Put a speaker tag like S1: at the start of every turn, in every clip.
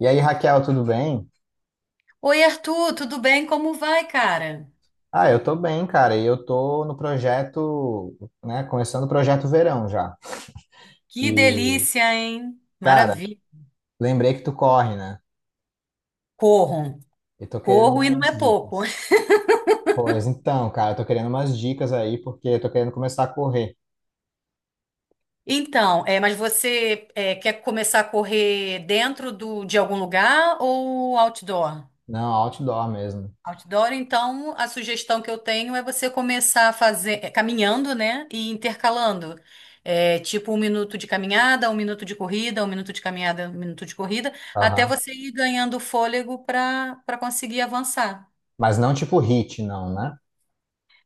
S1: E aí, Raquel, tudo bem?
S2: Oi, Arthur, tudo bem? Como vai, cara?
S1: Ah, eu tô bem, cara. E eu tô no projeto, né? Começando o projeto verão já.
S2: Que
S1: E,
S2: delícia, hein?
S1: cara,
S2: Maravilha.
S1: lembrei que tu corre, né?
S2: Corro.
S1: E tô querendo
S2: Corro e não
S1: umas
S2: é pouco.
S1: dicas. Pois então, cara, eu tô querendo umas dicas aí, porque eu tô querendo começar a correr.
S2: Então, é, mas você é, quer começar a correr dentro de algum lugar ou outdoor?
S1: Não, outdoor mesmo.
S2: Outdoor, então, a sugestão que eu tenho é você começar a fazer, é, caminhando, né? E intercalando. É, tipo 1 minuto de caminhada, 1 minuto de corrida, 1 minuto de caminhada, um minuto de corrida, até
S1: Aham.
S2: você ir ganhando fôlego para conseguir avançar.
S1: Mas não tipo hit, não, né?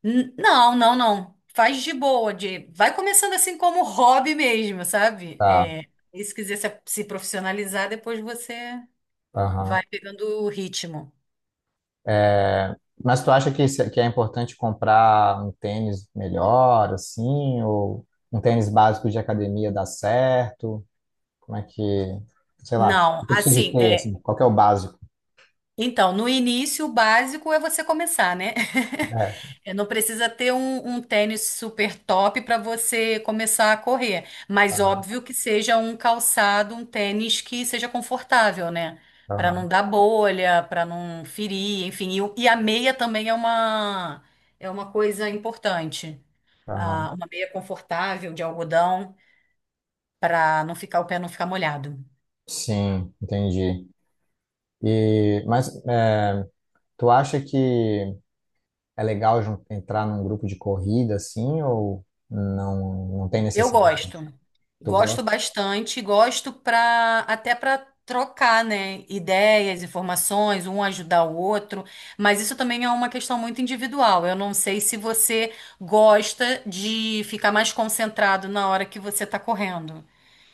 S2: Não, não, não. Faz de boa, vai começando assim como hobby mesmo, sabe?
S1: Tá.
S2: É, e se quiser se profissionalizar, depois você vai
S1: Aham.
S2: pegando o ritmo.
S1: É, Mas tu acha que, que é importante comprar um tênis melhor, assim? Ou um tênis básico de academia dá certo? Como é que, sei lá,
S2: Não,
S1: o que eu preciso
S2: assim,
S1: ter,
S2: é...
S1: assim, qual que é o básico?
S2: então, no início, o básico é você começar, né?
S1: É,
S2: É, não precisa ter um tênis super top para você começar a correr, mas
S1: aham,
S2: óbvio que seja um calçado, um tênis que seja confortável, né? Para não
S1: aham,
S2: dar bolha, para não ferir, enfim. E, e a meia também é é uma coisa importante. Ah,
S1: aham.
S2: uma meia confortável de algodão para não ficar o pé não ficar molhado.
S1: Sim, entendi. E, mas é, tu acha que é legal entrar num grupo de corrida, assim, ou não, não tem
S2: Eu
S1: necessidade?
S2: gosto.
S1: Tu
S2: Gosto
S1: gosta?
S2: bastante, gosto para até para trocar, né, ideias, informações, um ajudar o outro, mas isso também é uma questão muito individual. Eu não sei se você gosta de ficar mais concentrado na hora que você está correndo.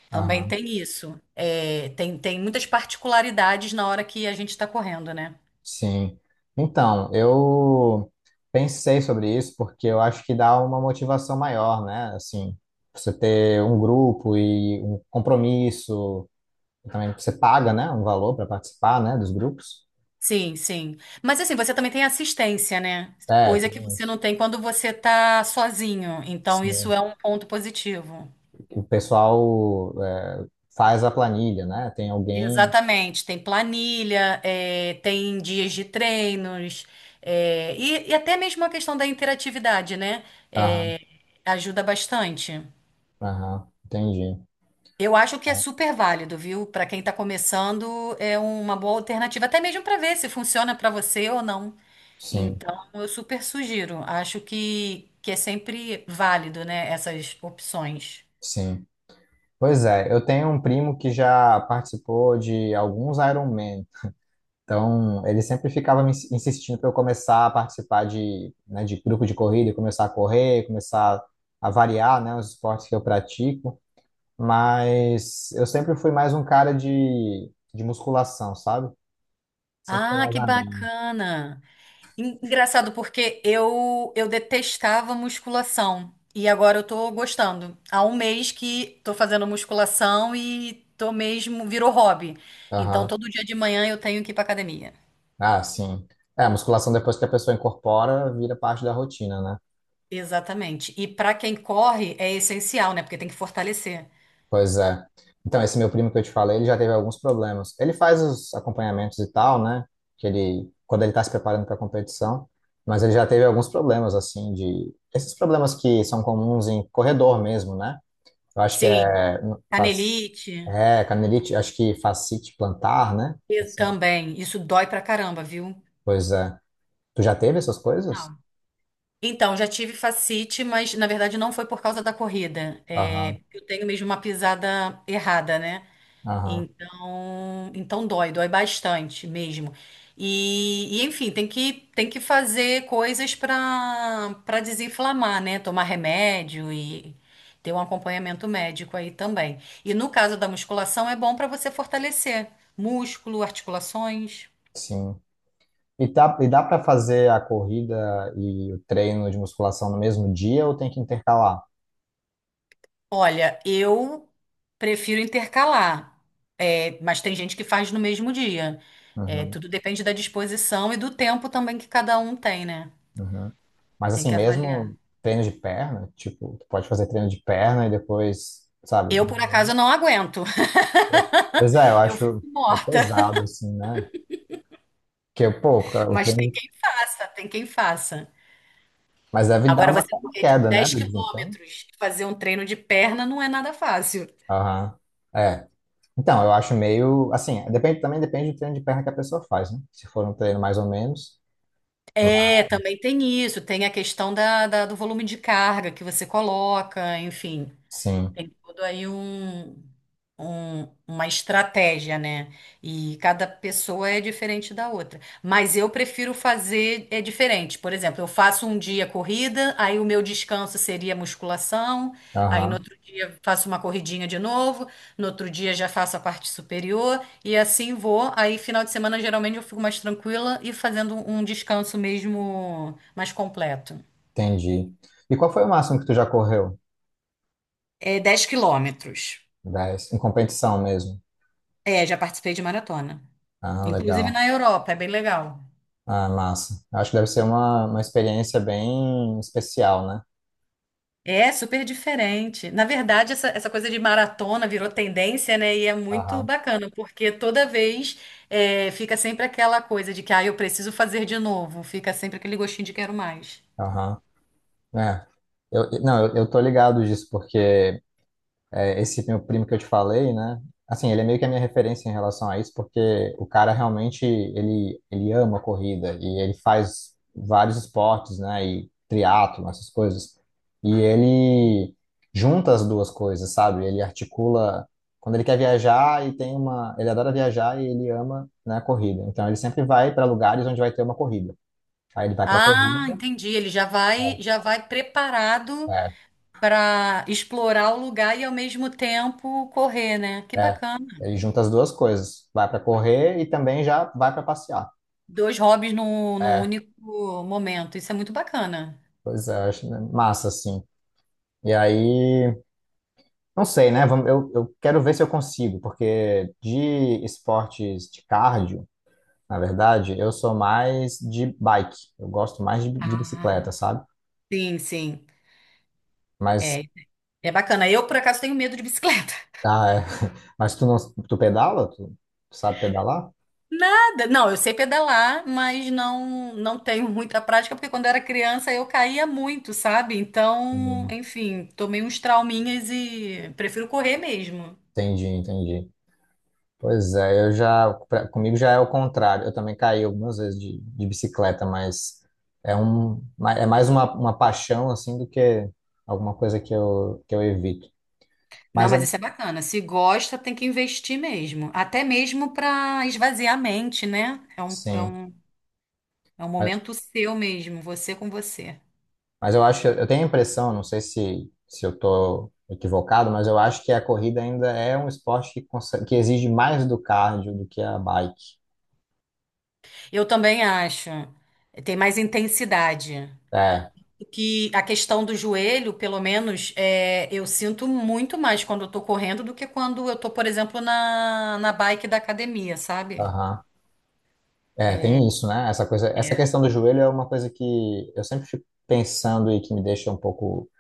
S2: Também
S1: Aham,
S2: tem isso. É, tem muitas particularidades na hora que a gente está correndo, né?
S1: sim. Então, eu pensei sobre isso porque eu acho que dá uma motivação maior, né? Assim, você ter um grupo e um compromisso, também você paga, né, um valor para participar, né, dos grupos.
S2: Sim, sim. Mas assim, você também tem assistência, né?
S1: É,
S2: Coisa
S1: tem
S2: que você
S1: uns-
S2: não tem quando você tá sozinho. Então, isso
S1: sim.
S2: é um ponto positivo.
S1: O pessoal é, faz a planilha, né? Tem alguém.
S2: Exatamente. Tem planilha, é, tem dias de treinos, é, e até mesmo a questão da interatividade, né?
S1: Aham,
S2: É, ajuda bastante.
S1: aham, entendi.
S2: Eu acho que é super válido, viu? Para quem tá começando, é uma boa alternativa, até mesmo para ver se funciona para você ou não.
S1: Sim,
S2: Então, eu super sugiro. Acho que é sempre válido, né, essas opções.
S1: sim. Pois é, eu tenho um primo que já participou de alguns Ironman. Então, ele sempre ficava me insistindo para eu começar a participar de, né, de grupo de corrida, começar a correr, começar a variar, né, os esportes que eu pratico. Mas eu sempre fui mais um cara de musculação, sabe? Sempre fui
S2: Ah,
S1: mais
S2: que
S1: a mim.
S2: bacana. Engraçado porque eu detestava musculação e agora eu tô gostando. Há um mês que tô fazendo musculação e tô mesmo virou hobby. Então,
S1: Aham.
S2: todo dia de manhã eu tenho que ir pra academia.
S1: Ah, sim. É, a musculação depois que a pessoa incorpora, vira parte da rotina, né?
S2: Exatamente. E pra quem corre é essencial, né? Porque tem que fortalecer.
S1: Pois é. Então, esse meu primo que eu te falei, ele já teve alguns problemas. Ele faz os acompanhamentos e tal, né? Que ele, quando ele tá se preparando para a competição, mas ele já teve alguns problemas, assim, de. Esses problemas que são comuns em corredor mesmo, né? Eu acho que
S2: Sim,
S1: é faz
S2: canelite
S1: é canelite, acho que fascite plantar, né? Essa
S2: também. Isso dói pra caramba, viu?
S1: coisa. Tu já teve essas coisas?
S2: Não. Então, já tive facite, mas na verdade não foi por causa da corrida.
S1: Aham,
S2: É, eu tenho mesmo uma pisada errada, né?
S1: aham,
S2: Então, então dói, dói bastante mesmo. Enfim, tem que fazer coisas para desinflamar, né? Tomar remédio e ter um acompanhamento médico aí também. E no caso da musculação, é bom para você fortalecer músculo, articulações.
S1: sim. E, tá, e dá para fazer a corrida e o treino de musculação no mesmo dia ou tem que intercalar?
S2: Olha, eu prefiro intercalar, é, mas tem gente que faz no mesmo dia. É,
S1: Uhum,
S2: tudo depende da disposição e do tempo também que cada um tem, né?
S1: uhum. Mas
S2: Tem
S1: assim,
S2: que avaliar.
S1: mesmo treino de perna, tipo, tu pode fazer treino de perna e depois, sabe?
S2: Eu, por acaso, não aguento.
S1: Pois é, eu
S2: Eu fico
S1: acho meio
S2: morta.
S1: pesado, assim, né? Porque, pô, o
S2: Mas tem
S1: treino.
S2: quem faça, tem quem faça.
S1: Mas deve dar
S2: Agora,
S1: uma
S2: você correr, tipo,
S1: queda, né,
S2: 10
S1: do desempenho.
S2: quilômetros, fazer um treino de perna não é nada fácil.
S1: Aham. É. Então, eu acho meio, assim, depende, também depende do treino de perna que a pessoa faz, né? Se for um treino mais ou menos,
S2: É, também tem isso. Tem a questão do volume de carga que você coloca, enfim.
S1: sim.
S2: Tem tudo aí uma estratégia, né? E cada pessoa é diferente da outra. Mas eu prefiro fazer é diferente. Por exemplo, eu faço um dia corrida, aí o meu descanso seria musculação, aí no
S1: Aham,
S2: outro dia faço uma corridinha de novo, no outro dia já faço a parte superior e assim vou. Aí final de semana geralmente eu fico mais tranquila e fazendo um descanso mesmo mais completo.
S1: entendi. E qual foi o máximo que tu já correu?
S2: É 10 quilômetros.
S1: 10 em competição mesmo.
S2: É, já participei de maratona.
S1: Ah,
S2: Inclusive
S1: legal.
S2: na Europa, é bem legal.
S1: Ah, massa. Acho que deve ser uma experiência bem especial, né?
S2: É super diferente. Na verdade, essa coisa de maratona virou tendência, né? E é muito
S1: Aham,
S2: bacana, porque toda vez é, fica sempre aquela coisa de que, ah, eu preciso fazer de novo. Fica sempre aquele gostinho de quero mais.
S1: aham. É. Não, eu tô ligado disso, porque é, esse meu primo que eu te falei, né? Assim, ele é meio que a minha referência em relação a isso, porque o cara realmente, ele ama a corrida e ele faz vários esportes, né? E triatlo, essas coisas. E ele junta as duas coisas, sabe? Ele articula quando ele quer viajar e tem uma, ele adora viajar e ele ama, né, a corrida. Então ele sempre vai para lugares onde vai ter uma corrida. Aí ele vai para corrida,
S2: Ah, entendi. Ele já vai preparado
S1: é,
S2: para explorar o lugar e ao mesmo tempo correr, né? Que
S1: é,
S2: bacana.
S1: é. Ele junta as duas coisas, vai para correr e também já vai para passear.
S2: Dois hobbies no único momento. Isso é muito bacana.
S1: Pois é, acho né, massa, assim. E aí, não sei, né? Eu quero ver se eu consigo, porque de esportes de cardio, na verdade, eu sou mais de bike. Eu gosto mais de bicicleta,
S2: Ah,
S1: sabe?
S2: sim, sim.
S1: Mas,
S2: É, é bacana. Eu, por acaso, tenho medo de bicicleta.
S1: ah, é. Mas tu não, tu pedala? Tu sabe pedalar?
S2: Nada. Não, eu sei pedalar, mas não tenho muita prática, porque quando eu era criança eu caía muito, sabe? Então,
S1: Hum,
S2: enfim, tomei uns trauminhas e prefiro correr mesmo.
S1: Entendi, entendi. Pois é, comigo já é o contrário. Eu também caí algumas vezes de bicicleta, mas é um, é mais uma paixão assim do que alguma coisa que eu evito.
S2: Não,
S1: Mas
S2: mas
S1: a-
S2: isso é bacana. Se gosta, tem que investir mesmo. Até mesmo para esvaziar a mente, né?
S1: sim,
S2: É um
S1: mas,
S2: momento seu mesmo, você com você.
S1: mas eu acho que eu tenho a impressão, não sei se eu tô equivocado, mas eu acho que a corrida ainda é um esporte que exige mais do cardio do que a bike.
S2: Eu também acho. Tem mais intensidade.
S1: É,
S2: Que a questão do joelho, pelo menos, é, eu sinto muito mais quando eu tô correndo do que quando eu tô, por exemplo, na bike da academia, sabe?
S1: aham. É, tem isso, né? Essa
S2: É.
S1: questão do joelho é uma coisa que eu sempre fico pensando e que me deixa um pouco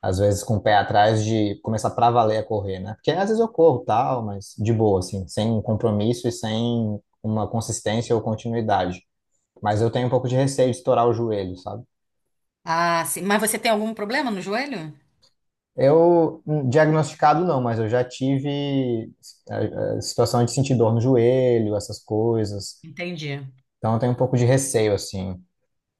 S1: às vezes com o pé atrás de começar pra valer a correr, né? Porque às vezes eu corro tal, mas de boa, assim, sem compromisso e sem uma consistência ou continuidade. Mas eu tenho um pouco de receio de estourar o joelho, sabe?
S2: Ah, sim. Mas você tem algum problema no joelho?
S1: Diagnosticado não, mas eu já tive situação de sentir dor no joelho, essas coisas.
S2: Entendi.
S1: Então eu tenho um pouco de receio, assim.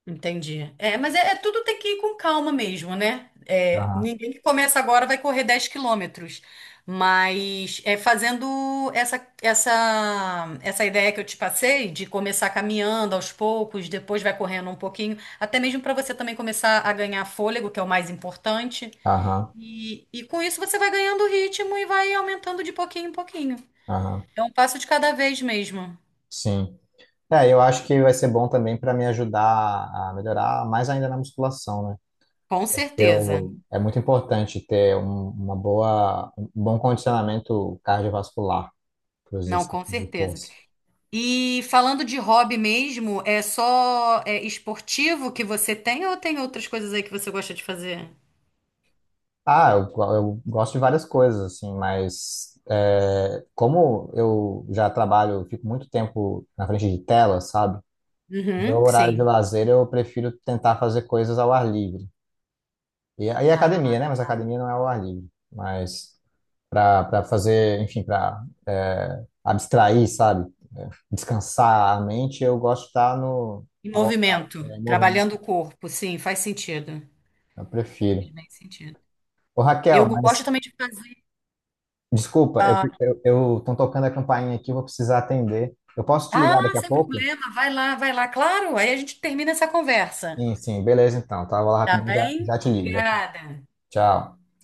S2: Entendi. É, mas é, é tudo tem que ir com calma mesmo, né? É,
S1: Aham,
S2: ninguém que começa agora vai correr 10 quilômetros. Mas é fazendo essa ideia que eu te passei de começar caminhando aos poucos, depois vai correndo um pouquinho, até mesmo para você também começar a ganhar fôlego, que é o mais importante.
S1: aham,
S2: E com isso você vai ganhando ritmo e vai aumentando de pouquinho em pouquinho.
S1: aham,
S2: É um passo de cada vez mesmo.
S1: sim. É, eu acho que vai ser bom também para me ajudar a melhorar mais ainda na musculação, né?
S2: Com certeza.
S1: Eu, é muito importante ter uma boa, um bom condicionamento cardiovascular para os
S2: Não,
S1: exercícios
S2: com
S1: de
S2: certeza.
S1: força.
S2: E falando de hobby mesmo, é só é, esportivo que você tem ou tem outras coisas aí que você gosta de fazer?
S1: Eu gosto de várias coisas, assim, mas é, como eu já trabalho, eu fico muito tempo na frente de tela, sabe? No meu
S2: Uhum,
S1: horário de
S2: sim.
S1: lazer eu prefiro tentar fazer coisas ao ar livre. E aí é
S2: Ah,
S1: academia, né? Mas
S2: tá.
S1: academia não é ao ar livre. Mas para fazer, enfim, para abstrair, sabe? Descansar a mente, eu gosto de estar no
S2: E movimento,
S1: movimento.
S2: trabalhando o corpo, sim, faz sentido.
S1: Eu prefiro.
S2: Faz bem sentido.
S1: Ô,
S2: Eu
S1: Raquel,
S2: gosto
S1: mas
S2: também de fazer.
S1: desculpa, eu tô tocando a campainha aqui, vou precisar atender. Eu posso te ligar
S2: Ah,
S1: daqui a
S2: sem
S1: pouco?
S2: problema, vai lá, claro. Aí a gente termina essa conversa.
S1: Sim, sim, beleza então. Tá, vou lá
S2: Tá
S1: rapidinho,
S2: bem?
S1: já te ligo, já te...
S2: Obrigada.
S1: Tchau.